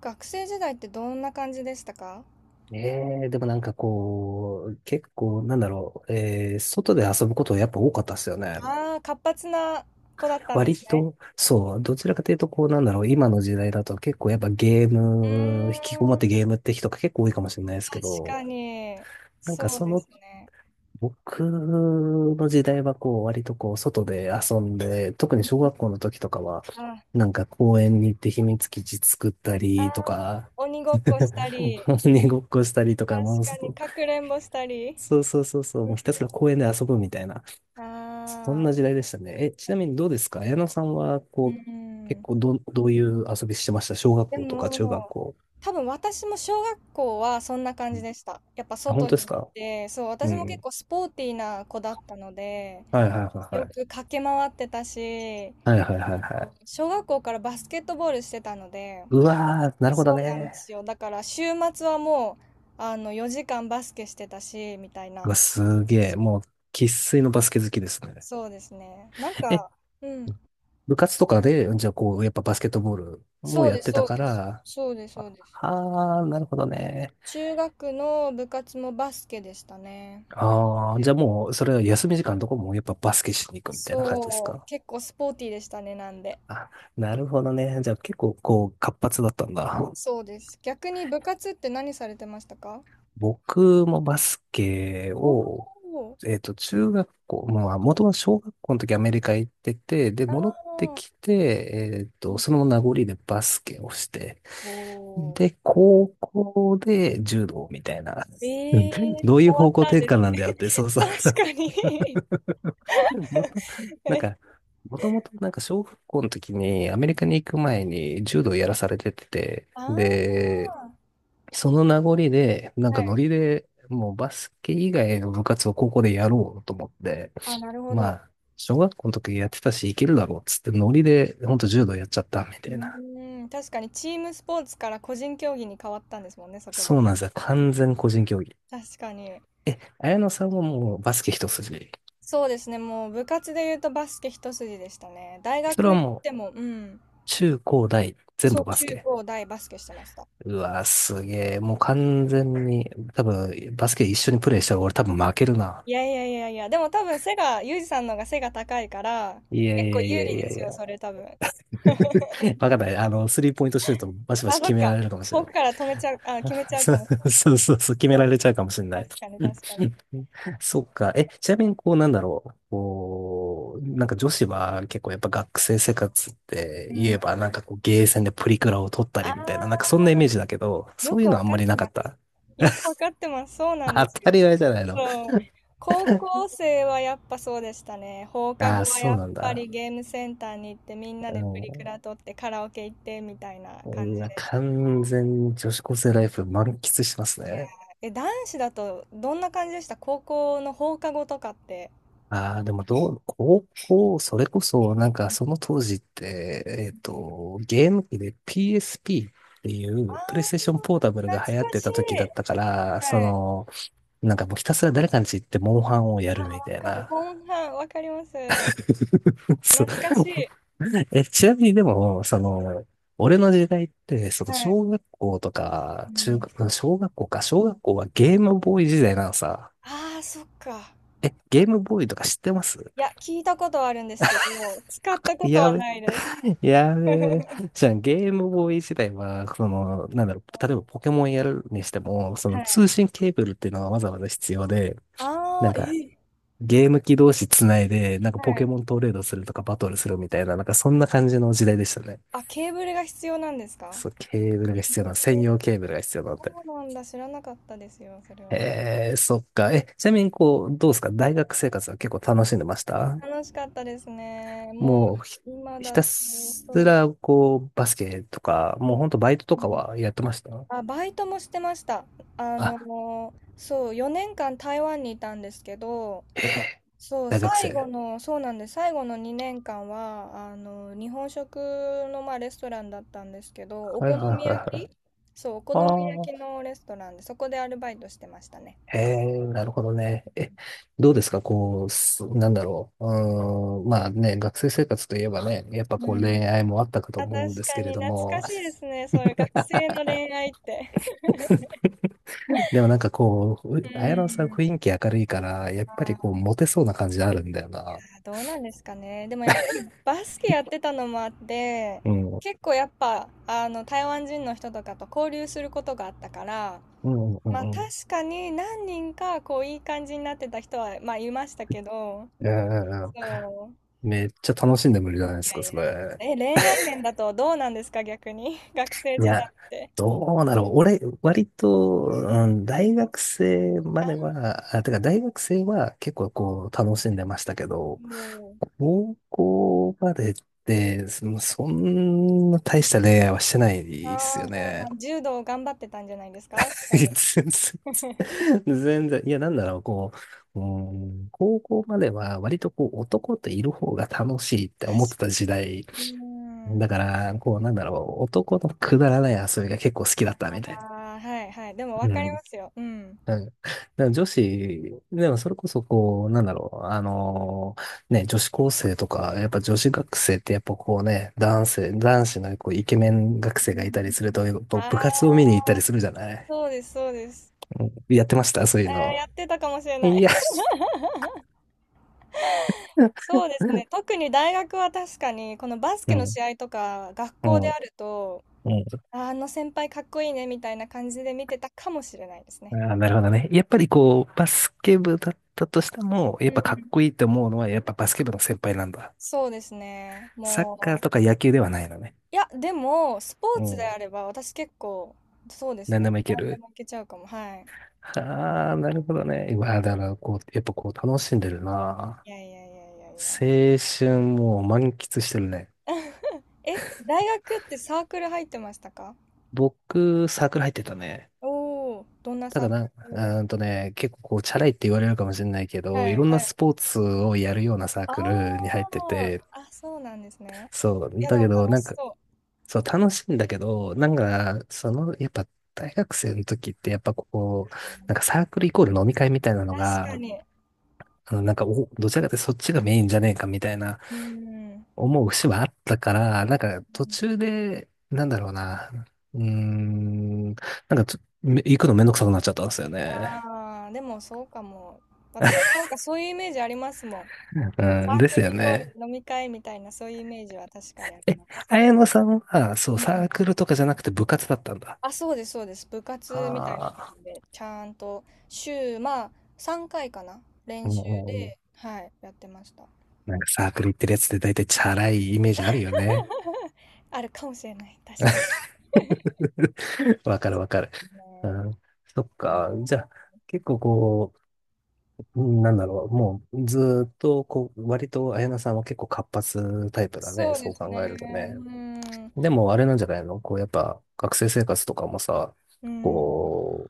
学生時代ってどんな感じでしたか？ええ、でもなんかこう、結構、なんだろう、外で遊ぶことやっぱ多かったっすよね。ああー、活発な子だったんで割すね。と、そう、どちらかというと、こう、なんだろう、今の時代だと結構やっぱゲーうム、引きこもーっん、て確ゲームって人が結構多いかもしれないですけど、かに。なんかそうそですの、ね。僕の時代はこう、割とこう、外で遊んで、特に小学校の時とかは、あ、あー、なんか公園に行って秘密基地作ったりとか、鬼 ごっこしたり、う鬼ごっこしたりとか、もう確かに外かくれんぼしたり。そうそうそうそう、もうひたすら公園で遊ぶみたいな、そんああ、な時代でしたね。え、ちなみにどうですか綾野さんは、こうう、結ん。構ど、どういう遊びしてました小学で校とか中学も、校。多分私も小学校はそんな感うじんでした。やっぱあ、本外当でにす行っかて、そう、う私も結ん。構スポーティーな子だったので、はいはいはいはよくい。駆け回ってたし、はいはいはいあはい。小学校からバスケットボールしてたので、うわー、なるほどそうなんでね。すよ。だから週末はもう、4時間バスケしてたし、みたいうな。わ、すげえ。そもう、う、生粋のバスケ好きですね。そうですね。なんえ、か、うん。部活とかで、じゃあこう、やっぱバスケットボールもそうやっです、てそたうかです。ら、そうです、そうです。ああー、なるほどね。中学の部活もバスケでしたね。ああ、じゃあもう、それは休み時間とかもやっぱバスケしに行くみたいな感じですそう、か結構スポーティーでしたね、なんで。あ、なるほどね。じゃあ結構こう活発だったんだ。そうです。逆に部活って何されてましたか？僕もバスケおを、おー、中学校、まあ、もともと小学校の時アメリカ行ってて、で、あ戻ってあ、きて、その名残でバスケをして、おおで、ー。高校で柔道みたいな。えうんえ、変どういうわっ方向たん転です換なね。んだよって、そうそう。確かに。もと、なん か、もともとなんか小学校の時にアメリカに行く前に柔道やらされてて、あで、あ、その名残で、なんはかノい。リでもうバスケ以外の部活を高校でやろうと思って、あ、なるほまど。あ、小学校の時やってたし、いけるだろうっつってノリで、ほんと柔道やっちゃったみうたいな。ーん、確かにチームスポーツから個人競技に変わったんですもんね、そこそで。うなんですよ。完全個えー人競技。確かに。え、綾野さんはもうバスケ一筋。そうですね、もう部活で言うとバスケ一筋でしたね。大それ学は行っもうても、うん。中高大全そ部う、バス中ケ。高大バスケしてました。うわ、すげえ。もう完全に、多分、バスケ一緒にプレイしたら俺多分負けるな。いやいやいやいや、でも多分背が、ユージさんの方が背が高いから、いや結い構やい有や利いやでいすや。よ、それ多分。わかんない。あの、スリーポイントシュートバシバあ、シそ決っめか。られるかもしれ遠ない。くから止めちゃう、あ、決めち ゃうそかうもしそうそうそう、決めれない。られちゃうかもしれない。確かに 確かに。そっか。え、ちなみそにこうなんだろう。こう、なんか女子は結構やっぱ学生生活っう。てうん。言えあばなんかこうゲーセンでプリクラを撮ったりあ、みたいな、なんかそんなイメージだけど、よそうくいうのわあんかまっりてなかまっす。た。よくわ かってます。そうなんで当すよ。たり前じゃないの。そう。高校生はやっぱそうでしたね。放課ああ、後はそやうっなんぱだ。りゲームセンターに行ってみんなうでプリクん。ラ撮ってカラオケ行ってみたいな感うじわ、です。完全に女子高生ライフ満喫してますいやね。ー、え、男子だとどんな感じでした高校の放課後とかって？ああ、でもどう、高校、それこそ、なんかその当時って、ゲーム機で PSP っていあうプレイステーあションポータブルー懐がか流行ってしい。た時だったから、そはい。の、なんかもうひたすら誰かんち行ってモンハンをやるあ、みわたいかる。な。モンハン、わかります。そう。懐かしい。え、ちなみにでも、その、俺の時代って、そのはい。小学校とうか、中ん。学、小学校か、小学校はゲームボーイ時代なのさ。ああ、そっか。え、ゲームボーイとか知ってます いや、聞いたことはあるんですけど、使った ことやはべ、ないです。やべ。じゃあ、ゲームボーイ時代は、その、なんだろう、例えばポケモンやるにしても、そのは通い。信ケーブルっていうのがわざわざ必要で、あなあ、んえか、ー、ゲーム機同士つないで、なんかはポケい。モントレードするとかバトルするみたいな、なんかそんな感じの時代でしたね。あ、ケーブルが必要なんですか？そう、ケーブルえが必要なの、専ー、用ケーブルが必要なんそだうなんだ。知らなかったですよ、それは。えー、そっか。え、ちうなん、みに、こう、どうですか大学生活は結構楽しんでました楽しかったですね。ももうひ、う、今ひだたと、すそら、こう、バスケとか、もうほんとバイトとう。うかん、はやってましたあ、バイトもしてました。あ、そう、4年間台湾にいたんですけど、へえ、そう、大学最後生。の、そうなんです。最後の2年間は、日本食の、まあ、レストランだったんですけど、おはい好はいみはい焼はい。き、そう、お好みあ焼あ。きのレストランで、そこでアルバイトしてましたね。へえ、なるほどね。え、どうですかこう、すなんだろう。うーん、まあね、学生生活といえばね、やっぱうこう恋ん。愛もあったかとあ、確思うんですかけれにど懐も。かしいですね。そういう学生の恋愛って。でもなんかこう、う綾野さんん。雰囲気明るいから、やっぱりこう、あモテそうな感じあるんだよな。ー、どうなんですかね。でもやっぱりバスケやってたのもあって、うん。うん結構やっぱ、あの、台湾人の人とかと交流することがあったから、うんうまあんうん。確かに何人かこういい感じになってた人はまあいましたけど、うんそう。めっちゃ楽しんでもいいじゃないでいすやか、いやそいれ。や。え、恋愛面だとどうなんですか逆に？学生い時代や、って。どうだろう。俺、割と、うん、大学生まあ、では、あ、てか大学生は結構こう、楽しんでましたけど、もう。高校までって、そのそんな大した恋愛はしてないですあよあ、そうね。なん。柔道を頑張ってたんじゃないですか多全分。確然、全然 いや、なんだろう、こう、うん、高校までは割とこう男といる方が楽しいって思ってたか時代。に。うん。だから、こう、なんだろう、男のくだらない遊びが結構好きだったあみたいな。あ、はいはい。でもわうかりまん。すよ。うん。なんかだから女子、でもそれこそこう、なんだろう、女子高生とか、やっぱ女子学生ってやっぱこうね、男性、男子のこうイケメン学生うがいたりするん、と、やっぱああ、部活を見に行ったりするじゃないそうです、そうです。うんやってました、そういうの。やってたかもしれないい。や、そうです ね。特に大学は確かに、このバスうケのん、試合とか、学う校ん、であると、うん。ああの先輩かっこいいねみたいな感じで見てたかもしれないですあね。ー、なるほどね。やっぱりこう、バスケ部だったとしても、やっぱうかっん、こいいと思うのは、やっぱバスケ部の先輩なんだ。そうですね。サッカーもとかう、野球ではないのね。いや、でも、スポーうツでん。あれば、私結構、そうです何ね。でもいけ何でる。もいけちゃうかも。はい。ああ、なるほどね。うわ、だからこう、やっぱこう、楽しんでるな。いやいやいやいやいや。青春もう満喫してるね。え、大学ってサークル入ってましたか？僕、サークル入ってたね。おおー、どんなたサだーな、うクルだ？ーんとね、結構こう、チャラいって言われるかもしれないけはど、いいろんなはい。スポーツをやるようなサーあクルに入ってあ、て、あ、そうなんですね。そいう。や、でだもけ楽ど、なんしか、そう。そう、楽しいんだけど、なんか、その、やっぱ、大学生の時って、やっぱこう、なんかサークルイコール飲み会みたいなの確かが、に。あのなんか、お、どちらかというとそっちがメインじゃねえかみたいなうん。思う節はあったから、なんか途中で、なんだろうな、なんかちょ、め行くのめんどくさくなっちゃったんですよね。ああ、でもそうかも。私もなんかそういうイメージありますもん。サうん、ーでクルすよイコね。ール飲み会みたいな、そういうイメージは確かにありえ、ます。綾野さんは、そう、うんサうん、ークルとかじゃなくて部活だったんだ。あ、そうです、そうです。部活みたいな感あじで、ちゃんと週、まあ、3回かいかな。練習で、あ。はい、やってました。なんかサークル行ってるやつって大体チャラいイメージあるよね。あるかもしれない。確かに。わかるわかる。うね、ん、そっうん、か。じゃあ、結構こう、うんなんだろう。もうずーっとこう、割と綾菜さんは結構活発タイプだね。そうでそうす考えるとね。ね。うん。でもあれなんじゃないのこうやっぱ学生生活とかもさ、うん。こ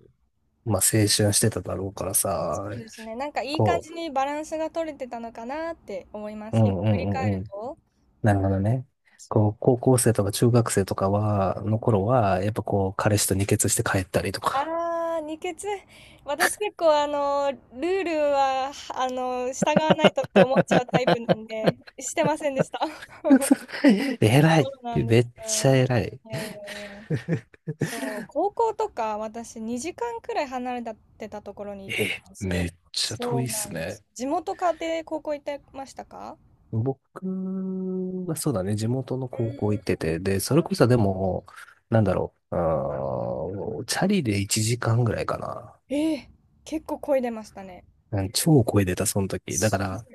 う、まあ青春してただろうからそさ、うですね。なんかいい感こじにバランスが取れてたのかなって思いまう、す。う今ん振りう返んうるんと。なるほどね。そこう。う、高校生とか中学生とかは、の頃は、やっぱこう、彼氏と二血して帰ったりとか。ああ、二血。私結構ルールは、従わないとって思っちゃうタイプなんで、してませんでした。偉い。そうなんでめすっちゃよ。偉い。いやいやいや。そう、高校とか私2時間くらい離れてたところに行ってたえ、んですめよ。っちゃそ遠いうっなすんでね。す。地元家庭高校行ってましたか？僕はそうだね、地元のう高ー校行っん。てて、で、それこそでも、なんだろう、あーチャリで1時間ぐらいかな。ええ、結構漕いでましたね。うん超声出た、その時。だかそら、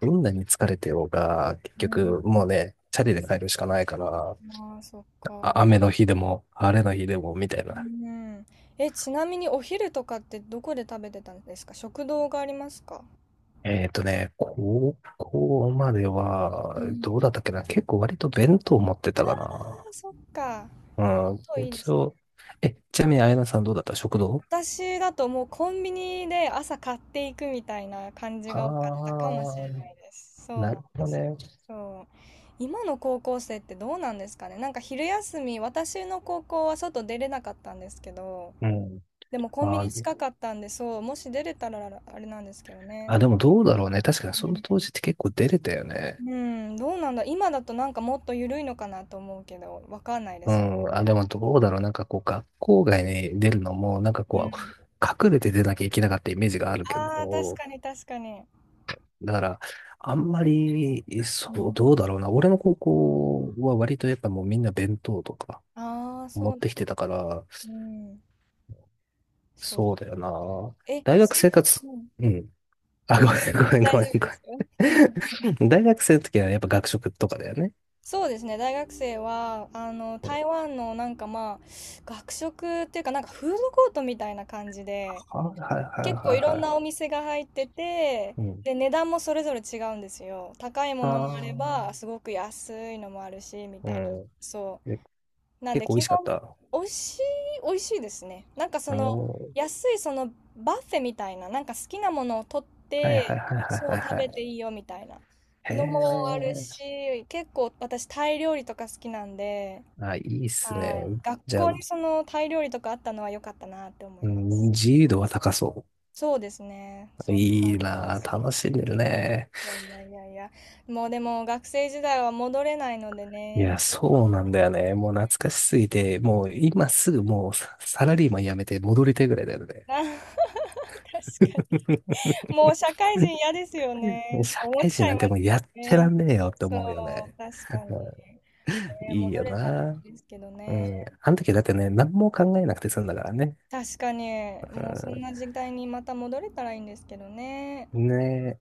どんなに疲れてようが、結局、うもうね。ね、チャリで帰るしかないから、ああ、そっか。あ雨の日でも、晴れの日でも、みたいな。うん。え、ちなみにお昼とかってどこで食べてたんですか、食堂がありますか？えっとね、高校までうは、ん。どうだったっけな結構割と弁当持ってああ、たかな。そっか。うん、そういいで一すね。応。え、ちなみに、あやなさんどうだった食堂私だともうコンビニで朝買っていくみたいな感じあが多かったかもしれないー、です。そうなんなるほでどすね。よ。そう。今の高校生ってどうなんですかね。なんか昼休み、私の高校は外出れなかったんですけど、うん。でもコンビニあー、近かったんで、そう、もし出れたらあれなんですけどね。あ、でもどうだろうね。確かにその当時って結構出れたようね。ん、うん、どうなんだ。今だとなんかもっと緩いのかなと思うけど、わかんないでうすね。ん。あ、でもどうだろう。なんかこう、学校外に出るのも、なんかうこん。う、隠れて出なきゃいけなかったイメージがあるけああ、確ど、かに確かに。だから、あんまり、うそう、ん。どうだろうな。俺の高校は割とやっぱもうみんな弁当とかああ、そう持なっんだ。てきてたから、うん。そう。そうだよな。え、大学生活、うん。うん。あ、ごめん、ごめん、大ごめん、丈夫ごですよ。めん。大学生の時はやっぱ学食とかだよね。そうですね、大学生は、あの、うん、はい、台湾のなんかまあ、学食っていうかなんかフードコートみたいな感じで、はい、はい、結構いろんはなお店が入ってて、い。うん。で、値段もそれぞれ違うんですよ。高いもあのもあれあ、ば、すごく安いのもあるし、みうたいな。ん。そで、う。なん結で、構美味基しかっ本、た。美味しい、美味しいですね。なんかそあの、の、安いそのバッフェみたいな、なんか好きなものを取っはい、はて、い、はい、はい、そはう、食い。べはていいいよみたいなへのもあるえ。し、結構私、タイ料理とか好きなんで、あ、いいっすはね。い。学じゃあ、校うにそのタイ料理とかあったのは良かったなって思いまん、す。自由度は高そう。そうですね。そう、いいなぁ、楽しんでるね。いやいやいやいや、もうでも学生時代は戻れないのでいや、ね。そうなんだよね。もう懐かしすぎて、もう今すぐもうササラリーマン辞めて戻りたいぐらいだよね。あ、 確かに。もう社会人 嫌ですようんねっ社て思っ会ち人ゃいなんまてもうすやよってらね。んねえよってそ思うよう、ね。確かに。うんね、いい戻よれたらなぁ。いいんですけどうね。ん。あの時だってね、何も考えなくて済んだからね。確かに、もうそんな時代にまた戻れたらいいんですけどね。うん。ね